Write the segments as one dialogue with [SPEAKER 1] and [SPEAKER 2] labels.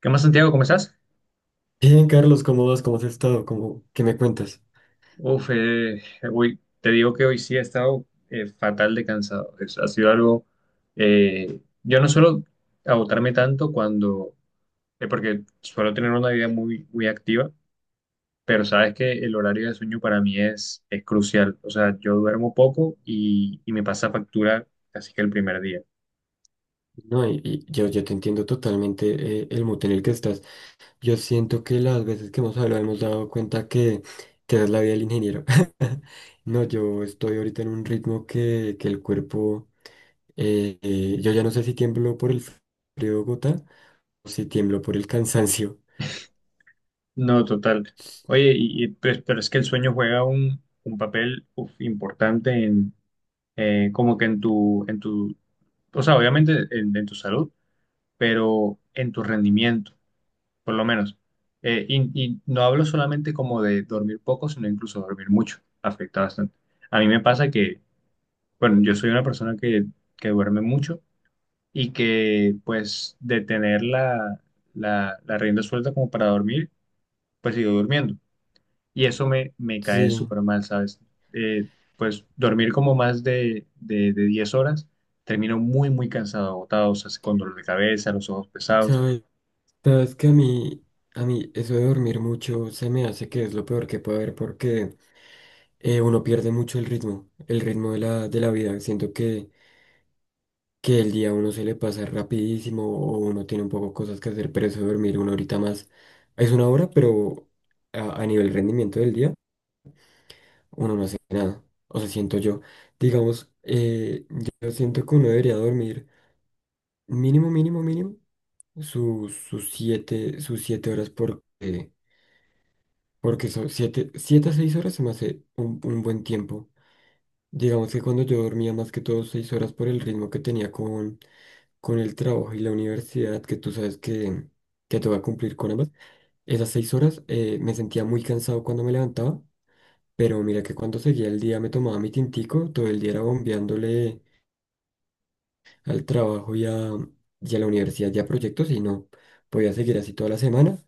[SPEAKER 1] ¿Qué más, Santiago? ¿Cómo estás?
[SPEAKER 2] Bien, Carlos, ¿cómo vas? ¿Cómo has estado? ¿Qué me cuentas?
[SPEAKER 1] Uf, eh, hoy, te digo que hoy sí he estado fatal de cansado. Ha sido algo. Yo no suelo agotarme tanto cuando. Porque suelo tener una vida muy, muy activa, pero sabes que el horario de sueño para mí es crucial. O sea, yo duermo poco y me pasa factura casi que el primer día.
[SPEAKER 2] No, y yo te entiendo totalmente, el mood en el que estás. Yo siento que las veces que hemos hablado hemos dado cuenta que esa es la vida del ingeniero. No, yo estoy ahorita en un ritmo que el cuerpo, yo ya no sé si tiemblo por el frío de Bogotá o si tiemblo por el cansancio.
[SPEAKER 1] No, total. Oye, pues, pero es que el sueño juega un papel uf, importante en... como que en en tu o sea, obviamente en tu salud, pero en tu rendimiento, por lo menos. Y no hablo solamente como de dormir poco, sino incluso dormir mucho, afecta bastante. A mí me pasa que, bueno, yo soy una persona que duerme mucho y que pues de tener la rienda suelta como para dormir, pues sigo durmiendo. Y eso me cae
[SPEAKER 2] Sí,
[SPEAKER 1] súper mal, ¿sabes? Eh, pues dormir como más de 10 horas, termino muy, muy cansado, agotado, o sea, con dolor de cabeza, los ojos pesados.
[SPEAKER 2] sabes, sabes que a mí eso de dormir mucho se me hace que es lo peor que puede haber. Porque... Uno pierde mucho el ritmo, el ritmo de la vida. Siento que el día a uno se le pasa rapidísimo, o uno tiene un poco cosas que hacer, pero eso de dormir una horita más es una hora, pero a nivel rendimiento del día uno no hace nada. O sea, siento yo, digamos, yo siento que uno debería dormir mínimo, mínimo, mínimo sus 7 horas, porque son 7 a 6 horas, se me hace un buen tiempo. Digamos que cuando yo dormía más que todo 6 horas por el ritmo que tenía con el trabajo y la universidad, que tú sabes que te voy a cumplir con ambas, esas 6 horas, me sentía muy cansado cuando me levantaba, pero mira que cuando seguía el día me tomaba mi tintico, todo el día era bombeándole al trabajo y a la universidad y a proyectos y no podía seguir así toda la semana.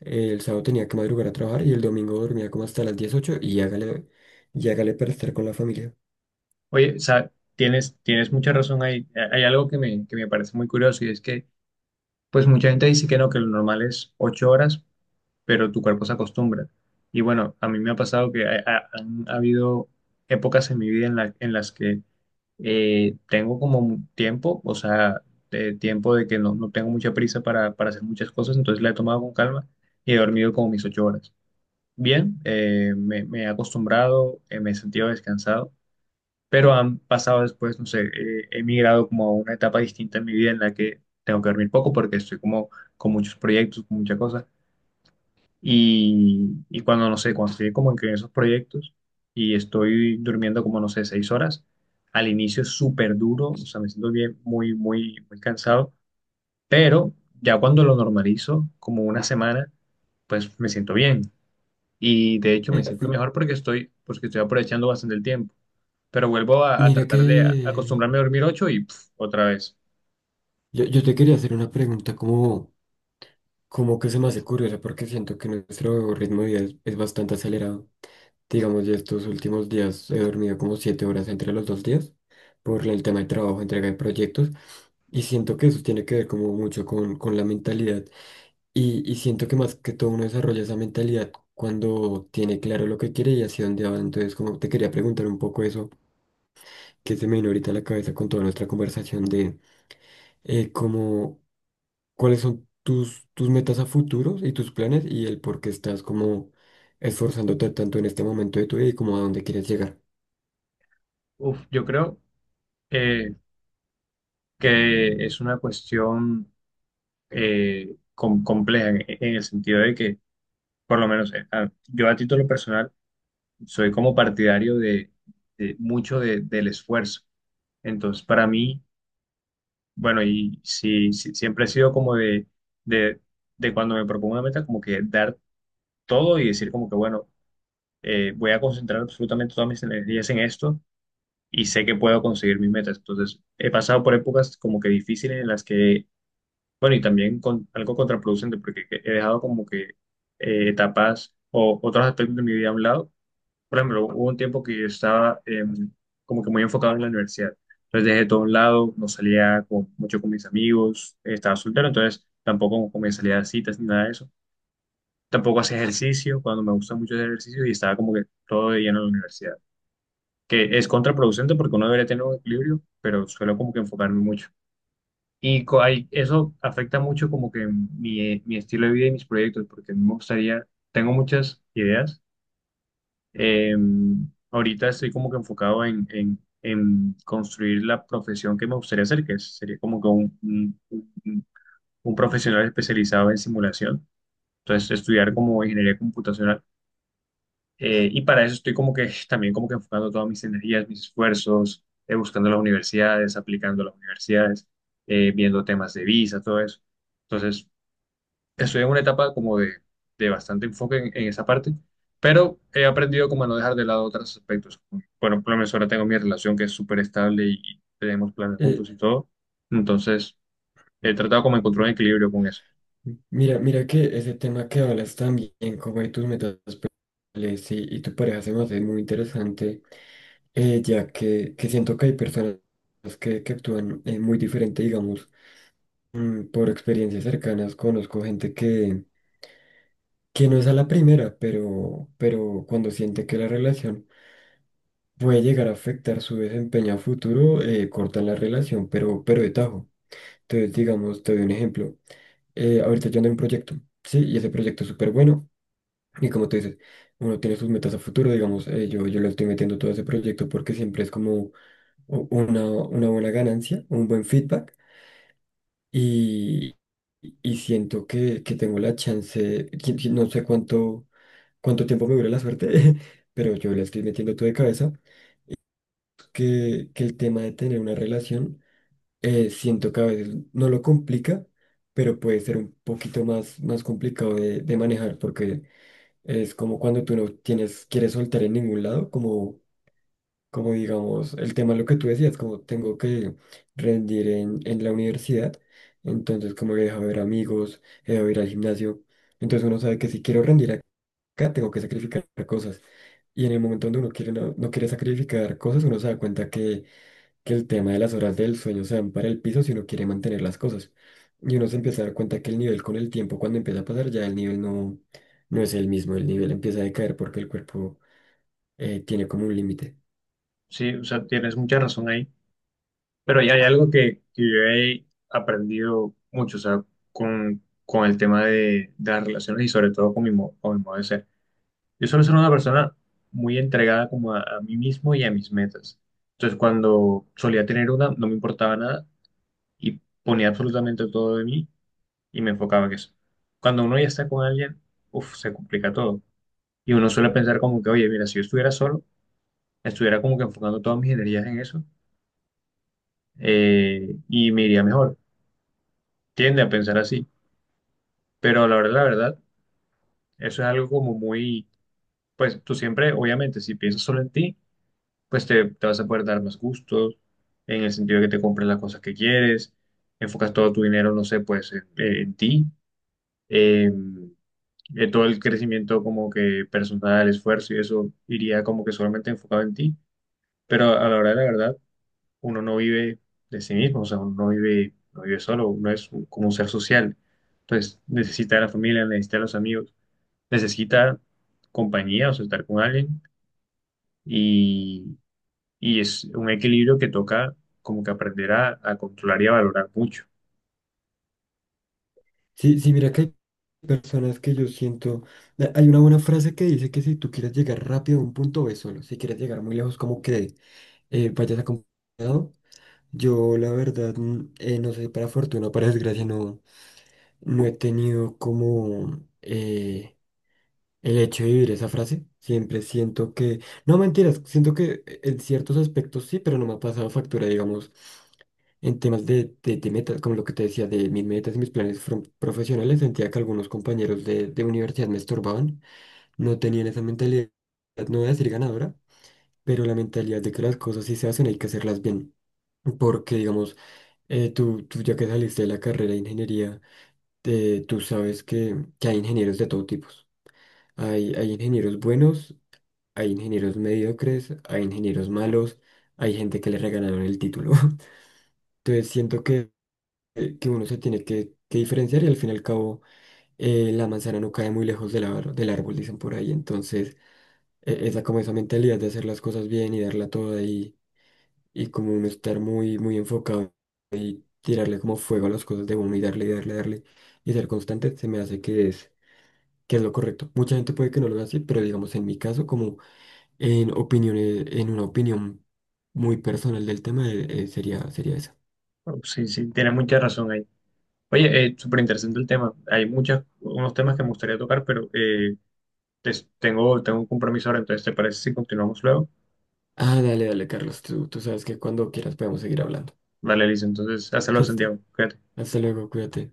[SPEAKER 2] El sábado tenía que madrugar a trabajar y el domingo dormía como hasta las 18:00 y hágale para estar con la familia.
[SPEAKER 1] Oye, o sea, tienes, tienes mucha razón ahí. Hay algo que me parece muy curioso y es que, pues mucha gente dice que no, que lo normal es 8 horas, pero tu cuerpo se acostumbra. Y bueno, a mí me ha pasado que han habido épocas en mi vida en las que tengo como un tiempo, o sea, de tiempo de que no, no tengo mucha prisa para hacer muchas cosas, entonces la he tomado con calma y he dormido como mis ocho horas. Bien, me, me he acostumbrado, me he sentido descansado, pero han pasado después, no sé, he migrado como a una etapa distinta en mi vida en la que tengo que dormir poco porque estoy como con muchos proyectos, con muchas cosas. Y cuando, no sé, cuando estoy como en esos proyectos y estoy durmiendo como, no sé, seis horas, al inicio es súper duro, o sea, me siento bien, muy, muy, muy cansado, pero ya cuando lo normalizo, como una semana, pues me siento bien. Y de hecho
[SPEAKER 2] Eh,
[SPEAKER 1] me siento
[SPEAKER 2] m-
[SPEAKER 1] mejor porque estoy aprovechando bastante el tiempo. Pero vuelvo a
[SPEAKER 2] Mira
[SPEAKER 1] tratar de
[SPEAKER 2] que
[SPEAKER 1] acostumbrarme a dormir ocho y pf, otra vez.
[SPEAKER 2] yo te quería hacer una pregunta, como que se me hace curiosa, porque siento que nuestro ritmo de vida es bastante acelerado. Digamos, ya estos últimos días he dormido como 7 horas entre los 2 días por el tema de trabajo, entrega de proyectos, y siento que eso tiene que ver como mucho con la mentalidad, y siento que más que todo uno desarrolla esa mentalidad cuando tiene claro lo que quiere y hacia dónde va. Entonces, como te quería preguntar un poco eso que se me vino ahorita a la cabeza con toda nuestra conversación de eh, cómo, cuáles son tus metas a futuros y tus planes y el por qué estás como esforzándote tanto en este momento de tu vida y como a dónde quieres llegar.
[SPEAKER 1] Uf, yo creo eh, que es una cuestión compleja en el sentido de que, por lo menos yo a título personal, soy como partidario de mucho del esfuerzo. Entonces, para mí, bueno, y sí, sí, siempre he sido como de, de cuando me propongo una meta, como que dar todo y decir como que, bueno, voy a concentrar absolutamente todas mis energías en esto y sé que puedo conseguir mis metas. Entonces, he pasado por épocas como que difíciles en las que bueno, y también con, algo contraproducente, porque he dejado como que etapas o otros aspectos de mi vida a un lado. Por ejemplo, hubo un tiempo que yo estaba como que muy enfocado en la universidad. Entonces dejé todo a un lado, no salía mucho con mis amigos, estaba soltero, entonces tampoco como que me salía a citas ni nada de eso. Tampoco hacía ejercicio, cuando me gusta mucho hacer ejercicio, y estaba como que todo de lleno en la universidad. Que es contraproducente porque uno debería tener un equilibrio, pero suelo como que enfocarme mucho. Y eso afecta mucho como que mi estilo de vida y mis proyectos, porque a mí me gustaría, tengo muchas ideas. Eh, Ahorita estoy como que enfocado en construir la profesión que me gustaría hacer, que sería como que un- un profesional especializado en simulación. Entonces, estudiar como
[SPEAKER 2] Ujú.
[SPEAKER 1] ingeniería computacional. Y para eso estoy como que también como que enfocando todas mis energías, mis esfuerzos, buscando las universidades, aplicando a las universidades, viendo temas de visa, todo eso. Entonces, estoy en una etapa como de bastante enfoque en esa parte, pero he aprendido como a no dejar de lado otros aspectos. Bueno, por lo menos ahora tengo mi relación que es súper estable y tenemos planes
[SPEAKER 2] Eh,
[SPEAKER 1] juntos y todo, entonces he tratado como de encontrar un equilibrio con eso.
[SPEAKER 2] Ujú. Mira que ese tema que hablas también, como de tus metas personales y tu pareja, se me hace muy interesante. Ya que siento que hay personas que actúan muy diferente, digamos, por experiencias cercanas, conozco gente que no es a la primera, pero cuando siente que la relación puede llegar a afectar su desempeño a futuro, cortan la relación, pero de tajo. Entonces, digamos, te doy un ejemplo. Ahorita yo ando en un proyecto, ¿sí? Y ese proyecto es súper bueno. Y como tú dices, uno tiene sus metas a futuro, digamos, yo le estoy metiendo todo ese proyecto porque siempre es como una buena ganancia, un buen feedback. Y, y siento que tengo la chance, que no sé cuánto tiempo me dure la suerte, pero yo le estoy metiendo todo de cabeza, que el tema de tener una relación, siento que a veces no lo complica, pero puede ser un poquito más complicado de manejar, porque es como cuando tú no tienes, quieres soltar en ningún lado, como digamos, el tema lo que tú decías, como tengo que rendir en la universidad, entonces como he dejado de ver amigos, he dejado de ir al gimnasio, entonces uno sabe que si quiero rendir acá, tengo que sacrificar cosas. Y en el momento donde uno quiere, no, no quiere sacrificar cosas, uno se da cuenta que el tema de las horas del sueño se van para el piso si uno quiere mantener las cosas. Y uno se empieza a dar cuenta que el nivel con el tiempo, cuando empieza a pasar, ya el nivel no, no es el mismo, el nivel empieza a decaer porque el cuerpo, tiene como un límite.
[SPEAKER 1] Sí, o sea, tienes mucha razón ahí, pero ya hay algo que yo he aprendido mucho, o sea, con el tema de las relaciones y sobre todo con con mi modo de ser. Yo suelo ser una persona muy entregada como a mí mismo y a mis metas. Entonces, cuando solía tener una, no me importaba nada y ponía absolutamente todo de mí y me enfocaba en eso. Cuando uno ya está con alguien, uff, se complica todo. Y uno suele pensar como que, oye, mira, si yo estuviera solo, estuviera como que enfocando todas mis energías en eso y me iría mejor. Tiende a pensar así. Pero la verdad, eso es algo como muy, pues tú siempre, obviamente, si piensas solo en ti, pues te vas a poder dar más gustos, en el sentido de que te compres las cosas que quieres, enfocas todo tu dinero, no sé, pues en ti, eh, todo el crecimiento como que personal, esfuerzo y eso iría como que solamente enfocado en ti, pero a la hora de la verdad, uno no vive de sí mismo, o sea, uno no vive, no vive solo, uno es como un ser social, entonces necesita a la familia, necesita a los amigos, necesita compañía, o sea, estar con alguien. Y es un equilibrio que toca como que aprender a controlar y a valorar mucho.
[SPEAKER 2] Sí, sí, mira que hay personas que yo siento, hay una buena frase que dice que si tú quieres llegar rápido a un punto, ve solo, si quieres llegar muy lejos, como que vayas acompañado. Yo la verdad, no sé, para fortuna o para desgracia, no, no he tenido como el hecho de vivir esa frase, siempre siento que, no mentiras, siento que en ciertos aspectos sí, pero no me ha pasado factura, digamos, en temas de metas, como lo que te decía, de mis metas y mis planes profesionales, sentía que algunos compañeros de universidad me estorbaban, no tenían esa mentalidad, no voy a decir ganadora, pero la mentalidad de que las cosas sí se hacen, hay que hacerlas bien, porque, digamos, tú ya que saliste de la carrera de ingeniería, tú sabes que hay ingenieros de todo tipo. Hay ingenieros buenos, hay ingenieros mediocres, hay ingenieros malos, hay gente que le regalaron el título. Entonces siento que uno se tiene que diferenciar, y al fin y al cabo, la manzana no cae muy lejos del árbol, dicen por ahí. Entonces, esa como esa mentalidad de hacer las cosas bien y darla toda, y como uno estar muy, muy enfocado, tirarle como fuego a las cosas de uno y darle, darle y ser constante, se me hace que es lo correcto. Mucha gente puede que no lo haga así, pero digamos en mi caso en una opinión muy personal del tema, sería esa.
[SPEAKER 1] Bueno, sí, sí, tiene mucha razón ahí. Oye, súper interesante el tema. Hay muchos, unos temas que me gustaría tocar, pero tengo, tengo un compromiso ahora, entonces ¿te parece si continuamos luego?
[SPEAKER 2] Ah, dale, dale, Carlos. Tú sabes que cuando quieras podemos seguir hablando.
[SPEAKER 1] Vale, Liz, entonces, hazlo,
[SPEAKER 2] Listo.
[SPEAKER 1] Santiago. Cuídate.
[SPEAKER 2] Hasta luego, cuídate.